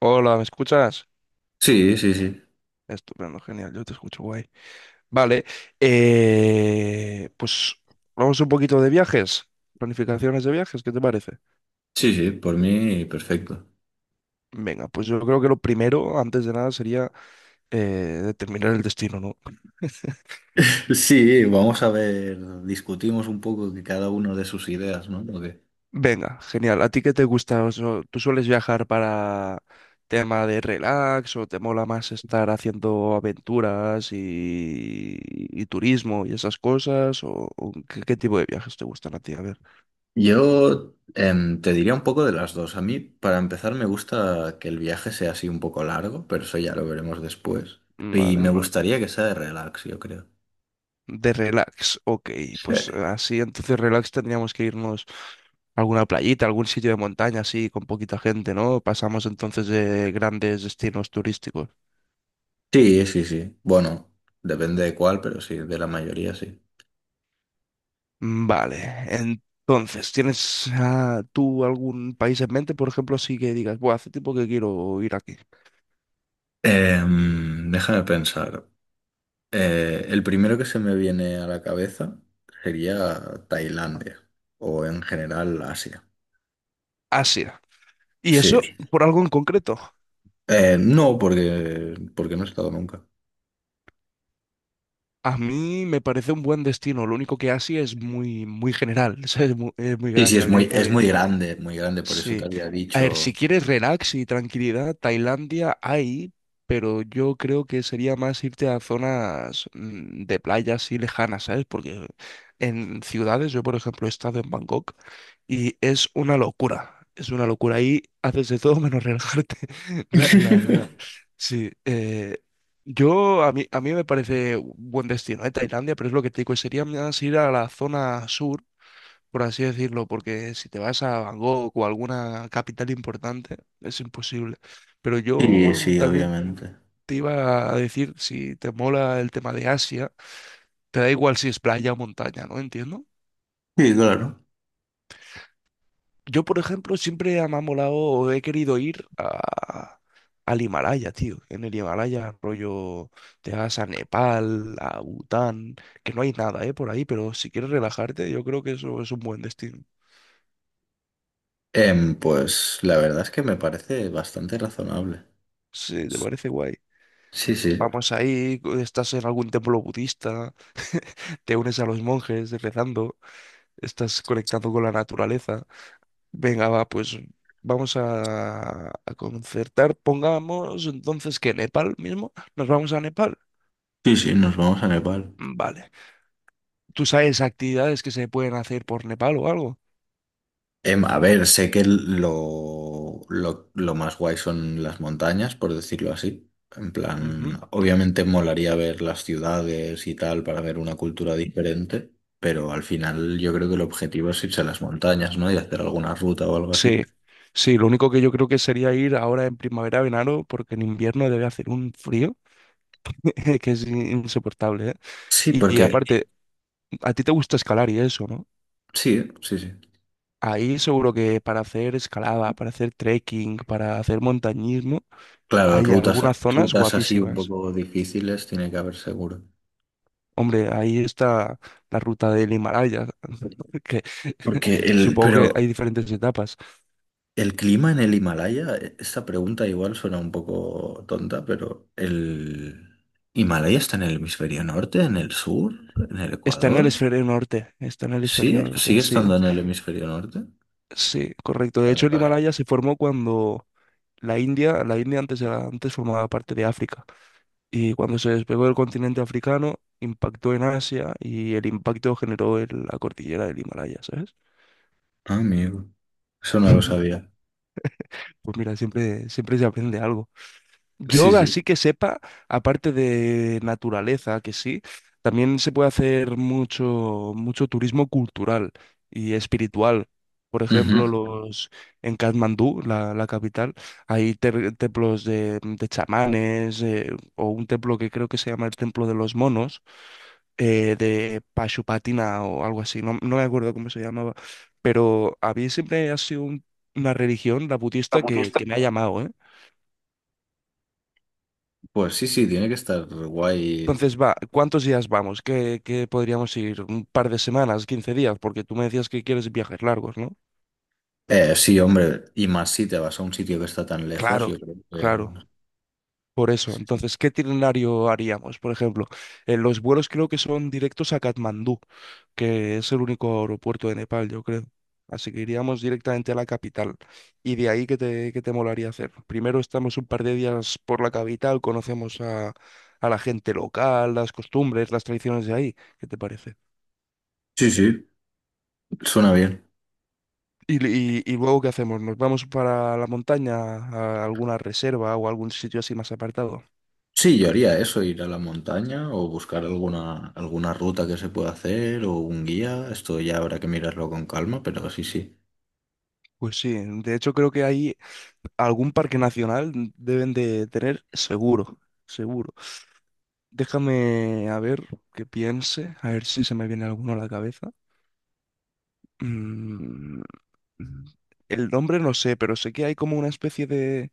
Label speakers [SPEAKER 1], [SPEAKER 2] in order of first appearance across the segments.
[SPEAKER 1] Hola, ¿me escuchas?
[SPEAKER 2] Sí, sí, sí.
[SPEAKER 1] Estupendo, genial, yo te escucho guay. Vale, pues vamos un poquito de viajes, planificaciones de viajes, ¿qué te parece?
[SPEAKER 2] Sí, sí, por mí perfecto.
[SPEAKER 1] Venga, pues yo creo que lo primero, antes de nada, sería eh, determinar el destino, ¿no?
[SPEAKER 2] Sí, vamos a ver, discutimos un poco que cada uno de sus ideas, ¿no? ¿O qué?
[SPEAKER 1] Venga, genial, ¿a ti qué te gusta? O sea, ¿tú sueles viajar para tema de relax o te mola más estar haciendo aventuras y turismo y esas cosas? O qué, qué tipo de viajes te gustan a ti? A ver,
[SPEAKER 2] Yo te diría un poco de las dos. A mí, para empezar, me gusta que el viaje sea así un poco largo, pero eso ya lo veremos después. Y me
[SPEAKER 1] vale.
[SPEAKER 2] Ujú. Gustaría que sea de relax, yo creo.
[SPEAKER 1] De relax, ok,
[SPEAKER 2] Sí,
[SPEAKER 1] pues así entonces relax tendríamos que irnos a alguna playita, algún sitio de montaña así con poquita gente, ¿no? Pasamos entonces de grandes destinos turísticos.
[SPEAKER 2] sí, sí, sí. Bueno, depende de cuál, pero sí, de la mayoría sí.
[SPEAKER 1] Vale, entonces, ¿tienes tú algún país en mente, por ejemplo, así que digas, bueno, hace tiempo que quiero ir aquí?
[SPEAKER 2] Déjame pensar. El primero que se me viene a la cabeza sería Tailandia o en general Asia.
[SPEAKER 1] Asia. ¿Y eso
[SPEAKER 2] Sí.
[SPEAKER 1] por algo en concreto?
[SPEAKER 2] No, porque no he estado nunca.
[SPEAKER 1] A mí me parece un buen destino, lo único que Asia es muy, muy general, es muy
[SPEAKER 2] Sí, sí,
[SPEAKER 1] grande, habría
[SPEAKER 2] es
[SPEAKER 1] que...
[SPEAKER 2] muy grande, por eso te
[SPEAKER 1] Sí.
[SPEAKER 2] había
[SPEAKER 1] A ver, si
[SPEAKER 2] dicho.
[SPEAKER 1] quieres relax y tranquilidad, Tailandia hay, pero yo creo que sería más irte a zonas de playas así lejanas, ¿sabes? Porque en ciudades, yo por ejemplo he estado en Bangkok y es una locura. Es una locura. Ahí haces de todo menos relajarte, la verdad. Sí. Yo, a mí me parece un buen destino, ¿eh? Tailandia, pero es lo que te digo, sería más ir a la zona sur por así decirlo, porque si te vas a Bangkok o alguna capital importante, es imposible. Pero
[SPEAKER 2] Sí,
[SPEAKER 1] yo
[SPEAKER 2] sí,
[SPEAKER 1] también
[SPEAKER 2] obviamente.
[SPEAKER 1] te iba a decir, si te mola el tema de Asia, te da igual si es playa o montaña, ¿no? Entiendo.
[SPEAKER 2] Sí, claro.
[SPEAKER 1] Yo, por ejemplo, siempre me ha molado o he querido ir a, al Himalaya, tío. En el Himalaya, rollo, te vas a Nepal, a Bután, que no hay nada, ¿eh? Por ahí, pero si quieres relajarte, yo creo que eso es un buen destino.
[SPEAKER 2] Pues la verdad es que me parece bastante razonable.
[SPEAKER 1] Sí, ¿te parece guay?
[SPEAKER 2] Sí, sí.
[SPEAKER 1] Vamos ahí, estás en algún templo budista, te unes a los monjes rezando, estás conectando con la naturaleza. Venga, va, pues a concertar. Pongamos entonces que Nepal mismo, nos vamos a Nepal.
[SPEAKER 2] Sí, sí, nos vamos a Nepal.
[SPEAKER 1] Vale. ¿Tú sabes actividades que se pueden hacer por Nepal o algo?
[SPEAKER 2] A ver, sé que lo más guay son las montañas, por decirlo así. En
[SPEAKER 1] Ujú.
[SPEAKER 2] plan, obviamente molaría ver las ciudades y tal para ver una cultura diferente, pero al final yo creo que el objetivo es irse a las montañas, ¿no? Y hacer alguna ruta o algo así.
[SPEAKER 1] Sí, sí, lo único que yo creo que sería ir ahora en primavera, verano, porque en invierno debe hacer un frío que es insoportable, ¿eh?
[SPEAKER 2] Sí,
[SPEAKER 1] Y
[SPEAKER 2] porque
[SPEAKER 1] aparte, a ti te gusta escalar y eso, ¿no?
[SPEAKER 2] sí, sí, sí.
[SPEAKER 1] Ahí seguro que para hacer escalada, para hacer trekking, para hacer montañismo,
[SPEAKER 2] Claro,
[SPEAKER 1] hay
[SPEAKER 2] rutas,
[SPEAKER 1] algunas zonas
[SPEAKER 2] rutas así un
[SPEAKER 1] guapísimas.
[SPEAKER 2] poco difíciles tiene que haber seguro.
[SPEAKER 1] Hombre, ahí está la ruta del Himalaya, que
[SPEAKER 2] Porque el,
[SPEAKER 1] supongo que
[SPEAKER 2] pero
[SPEAKER 1] hay diferentes etapas.
[SPEAKER 2] el clima en el Himalaya, esta pregunta igual suena un poco tonta, pero ¿el Himalaya está en el hemisferio norte, en el sur, en el
[SPEAKER 1] Está en el
[SPEAKER 2] Ecuador?
[SPEAKER 1] hemisferio norte, está en el hemisferio
[SPEAKER 2] ¿Sí?
[SPEAKER 1] norte,
[SPEAKER 2] ¿Sigue estando
[SPEAKER 1] sí,
[SPEAKER 2] en el hemisferio norte?
[SPEAKER 1] sí, correcto. De
[SPEAKER 2] Vale,
[SPEAKER 1] hecho, el
[SPEAKER 2] vale.
[SPEAKER 1] Himalaya se formó cuando la India antes formaba parte de África y cuando se despegó del continente africano, impactó en Asia y el impacto generó la cordillera del Himalaya, ¿sabes?
[SPEAKER 2] Ah, amigo, eso no lo sabía.
[SPEAKER 1] Pues mira, siempre, siempre se aprende algo.
[SPEAKER 2] Sí,
[SPEAKER 1] Yoga
[SPEAKER 2] sí.
[SPEAKER 1] así que sepa, aparte de naturaleza, que sí, también se puede hacer mucho, mucho turismo cultural y espiritual. Por
[SPEAKER 2] Ujú.
[SPEAKER 1] ejemplo, los en Katmandú, la capital, hay templos de chamanes, o un templo que creo que se llama el Templo de los Monos, de Pashupatina o algo así, no, no me acuerdo cómo se llamaba, pero a mí siempre ha sido una religión, la
[SPEAKER 2] La
[SPEAKER 1] budista,
[SPEAKER 2] budista.
[SPEAKER 1] que me ha llamado, ¿eh?
[SPEAKER 2] Pues sí, sí, tiene que estar guay.
[SPEAKER 1] Entonces, va, ¿cuántos días vamos? ¿Qué, qué podríamos ir? ¿Un par de semanas? ¿15 días? Porque tú me decías que quieres viajes largos, ¿no?
[SPEAKER 2] Sí, hombre, y más si te vas a un sitio que está tan lejos, yo
[SPEAKER 1] Claro,
[SPEAKER 2] creo
[SPEAKER 1] claro.
[SPEAKER 2] que...
[SPEAKER 1] Por eso, entonces, ¿qué itinerario haríamos? Por ejemplo, los vuelos creo que son directos a Katmandú, que es el único aeropuerto de Nepal, yo creo. Así que iríamos directamente a la capital. Y de ahí, qué te molaría hacer? Primero estamos un par de días por la capital, conocemos a la gente local, las costumbres, las tradiciones de ahí. ¿Qué te parece?
[SPEAKER 2] Sí, sí, suena bien.
[SPEAKER 1] Y luego, ¿qué hacemos? ¿Nos vamos para la montaña, a alguna reserva o algún sitio así más apartado?
[SPEAKER 2] Sí, yo haría eso, ir a la montaña o buscar alguna ruta que se pueda hacer o un guía. Esto ya habrá que mirarlo con calma, pero sí, sí.
[SPEAKER 1] Pues sí, de hecho creo que ahí algún parque nacional deben de tener seguro, seguro. Déjame a ver qué piense, a ver si se me viene alguno a la cabeza. Mm, el nombre no sé, pero sé que hay como una especie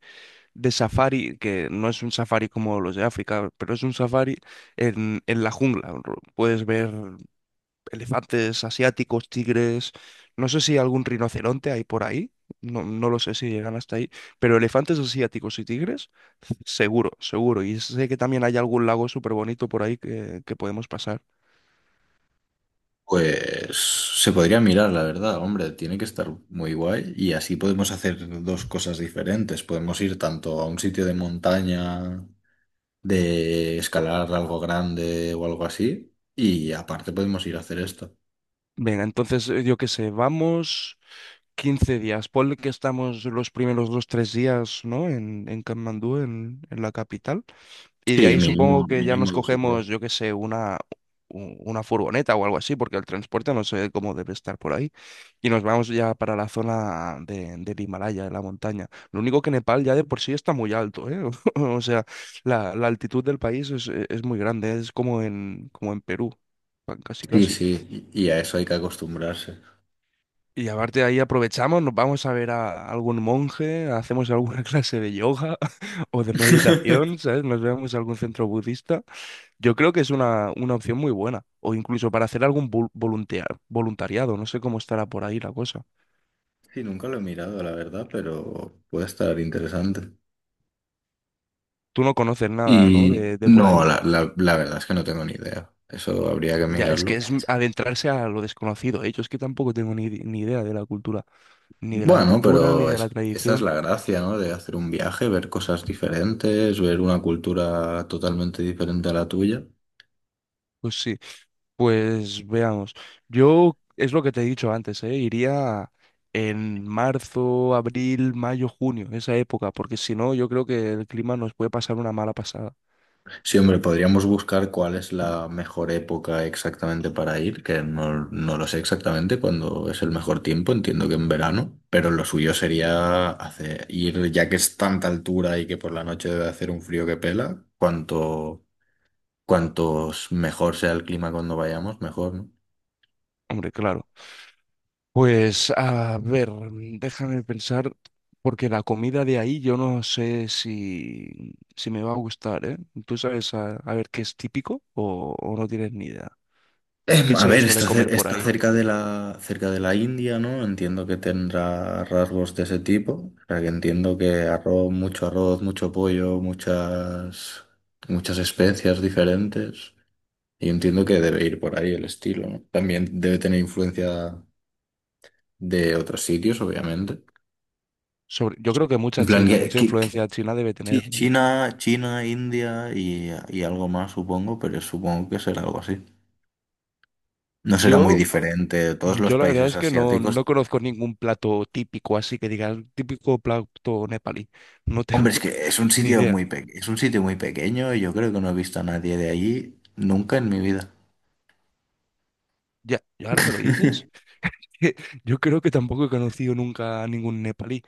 [SPEAKER 1] de safari, que no es un safari como los de África, pero es un safari en la jungla. Puedes ver elefantes asiáticos, tigres, no sé si algún rinoceronte hay por ahí, no, no lo sé si llegan hasta ahí, pero elefantes asiáticos y tigres, seguro, seguro. Y sé que también hay algún lago súper bonito por ahí que podemos pasar.
[SPEAKER 2] Pues se podría mirar, la verdad, hombre, tiene que estar muy guay y así podemos hacer dos cosas diferentes. Podemos ir tanto a un sitio de montaña, de escalar algo grande o algo así, y aparte podemos ir a hacer esto.
[SPEAKER 1] Venga, entonces yo qué sé, vamos 15 días, ponle que estamos los primeros dos, tres días, ¿no? En Katmandú, en la capital. Y de
[SPEAKER 2] Sí,
[SPEAKER 1] ahí supongo
[SPEAKER 2] mínimo,
[SPEAKER 1] que ya
[SPEAKER 2] mínimo
[SPEAKER 1] nos
[SPEAKER 2] dos o
[SPEAKER 1] cogemos,
[SPEAKER 2] tres.
[SPEAKER 1] yo qué sé, una furgoneta o algo así, porque el transporte no sé cómo debe estar por ahí. Y nos vamos ya para la zona de, del Himalaya, de la montaña. Lo único que Nepal ya de por sí está muy alto, ¿eh? O sea, la altitud del país es, e, es muy grande, es como en, como en Perú, casi
[SPEAKER 2] Sí,
[SPEAKER 1] casi.
[SPEAKER 2] sí, y a eso hay que acostumbrarse.
[SPEAKER 1] Y aparte de ahí aprovechamos, nos vamos a ver a algún monje, hacemos alguna clase de yoga o de meditación, ¿sabes? Nos vemos a algún centro budista. Yo creo que es una opción muy buena. O incluso para hacer algún voluntariado. No sé cómo estará por ahí la cosa.
[SPEAKER 2] Sí, nunca lo he mirado, la verdad, pero puede estar interesante.
[SPEAKER 1] Tú no conoces nada, ¿no?
[SPEAKER 2] Y
[SPEAKER 1] De por
[SPEAKER 2] no,
[SPEAKER 1] ahí.
[SPEAKER 2] la verdad es que no tengo ni idea. Eso habría que
[SPEAKER 1] Ya, es
[SPEAKER 2] mirarlo.
[SPEAKER 1] que es adentrarse a lo desconocido, ¿eh? Yo es que tampoco tengo ni, ni idea de la cultura. Ni de la
[SPEAKER 2] Bueno,
[SPEAKER 1] cultura, ni
[SPEAKER 2] pero
[SPEAKER 1] de la
[SPEAKER 2] esa es
[SPEAKER 1] tradición.
[SPEAKER 2] la gracia, ¿no? De hacer un viaje, ver cosas diferentes, ver una cultura totalmente diferente a la tuya.
[SPEAKER 1] Pues sí, pues veamos. Yo, es lo que te he dicho antes, ¿eh? Iría en marzo, abril, mayo, junio, esa época. Porque si no, yo creo que el clima nos puede pasar una mala pasada.
[SPEAKER 2] Sí, hombre, podríamos buscar cuál es la mejor época exactamente para ir, que no, no lo sé exactamente cuándo es el mejor tiempo, entiendo que en verano, pero lo suyo sería hacer, ir, ya que es tanta altura y que por la noche debe hacer un frío que pela, cuanto, cuantos mejor sea el clima cuando vayamos, mejor, ¿no?
[SPEAKER 1] Hombre, claro. Pues a ver, déjame pensar, porque la comida de ahí yo no sé si, si me va a gustar, ¿eh? ¿Tú sabes a ver qué es típico o no tienes ni idea? ¿Qué
[SPEAKER 2] A
[SPEAKER 1] se
[SPEAKER 2] ver,
[SPEAKER 1] suele
[SPEAKER 2] está,
[SPEAKER 1] comer por
[SPEAKER 2] está
[SPEAKER 1] ahí?
[SPEAKER 2] cerca de la India, ¿no? Entiendo que tendrá rasgos de ese tipo. O sea, que entiendo que arroz, mucho pollo, muchas especias diferentes. Y entiendo que debe ir por ahí el estilo, ¿no? También debe tener influencia de otros sitios, obviamente.
[SPEAKER 1] Sobre, yo creo que
[SPEAKER 2] En
[SPEAKER 1] mucha
[SPEAKER 2] plan,
[SPEAKER 1] China, mucha influencia china debe tener, ¿no?
[SPEAKER 2] China, China, India y algo más, supongo, pero supongo que será algo así. No será muy
[SPEAKER 1] Yo,
[SPEAKER 2] diferente. Todos los
[SPEAKER 1] yo la verdad
[SPEAKER 2] países
[SPEAKER 1] es que no, no
[SPEAKER 2] asiáticos.
[SPEAKER 1] conozco ningún plato típico, así que digas, típico plato nepalí. No tengo
[SPEAKER 2] Hombre, es que es un
[SPEAKER 1] ni
[SPEAKER 2] sitio
[SPEAKER 1] idea.
[SPEAKER 2] muy es un sitio muy pequeño y yo creo que no he visto a nadie de allí nunca en mi vida.
[SPEAKER 1] Ya, y ahora que lo dices, yo creo que tampoco he conocido nunca a ningún nepalí.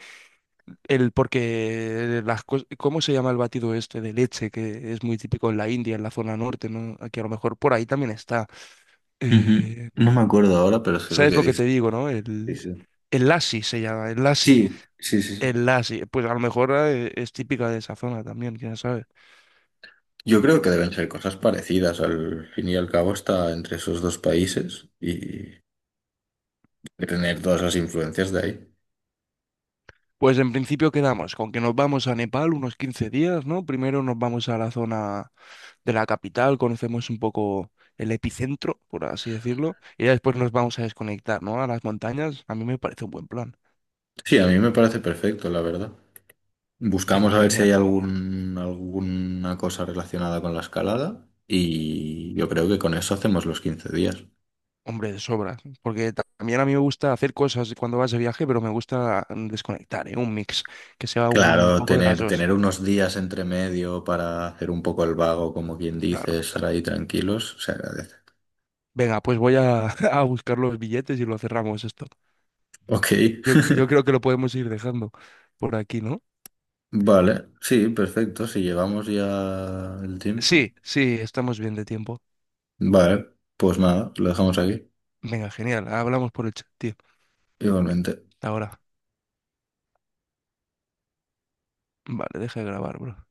[SPEAKER 1] El, porque las ¿cómo se llama el batido este de leche que es muy típico en la India, en la zona norte, ¿no? Aquí a lo mejor por ahí también está.
[SPEAKER 2] Ujú.
[SPEAKER 1] Eh,
[SPEAKER 2] No me acuerdo ahora, pero sé lo
[SPEAKER 1] ¿Sabes
[SPEAKER 2] que
[SPEAKER 1] lo que
[SPEAKER 2] dice.
[SPEAKER 1] te digo, no?
[SPEAKER 2] Sí, sí.
[SPEAKER 1] El lassi se llama, el lassi.
[SPEAKER 2] Sí, sí, sí, sí.
[SPEAKER 1] El lassi, pues a lo mejor es típica de esa zona también, quién sabe.
[SPEAKER 2] Yo creo que deben ser cosas parecidas. Al fin y al cabo está entre esos dos países y tener todas las influencias de ahí.
[SPEAKER 1] Pues en principio quedamos con que nos vamos a Nepal unos 15 días, ¿no? Primero nos vamos a la zona de la capital, conocemos un poco el epicentro, por así decirlo, y ya después nos vamos a desconectar, ¿no? A las montañas, a mí me parece un buen plan.
[SPEAKER 2] Sí, a mí me parece perfecto, la verdad. Buscamos
[SPEAKER 1] Venga,
[SPEAKER 2] a ver si
[SPEAKER 1] genial.
[SPEAKER 2] hay algún, alguna cosa relacionada con la escalada y yo creo que con eso hacemos los 15 días.
[SPEAKER 1] Hombre, de sobra. Porque también a mí me gusta hacer cosas cuando vas de viaje, pero me gusta desconectar, ¿eh? Un mix, que sea un
[SPEAKER 2] Claro,
[SPEAKER 1] poco de las
[SPEAKER 2] tener,
[SPEAKER 1] dos,
[SPEAKER 2] tener unos días entre medio para hacer un poco el vago, como quien dice,
[SPEAKER 1] claro.
[SPEAKER 2] estar ahí tranquilos, se agradece.
[SPEAKER 1] Venga, pues a buscar los billetes y lo cerramos esto.
[SPEAKER 2] Ok,
[SPEAKER 1] Yo creo que lo podemos ir dejando por aquí, ¿no?
[SPEAKER 2] vale, sí, perfecto, si llevamos ya el tiempo.
[SPEAKER 1] Sí, sí, estamos bien de tiempo.
[SPEAKER 2] Vale, pues nada, lo dejamos aquí,
[SPEAKER 1] Venga, genial. Hablamos por el chat, tío.
[SPEAKER 2] igualmente.
[SPEAKER 1] Ahora. Vale, deja de grabar, bro.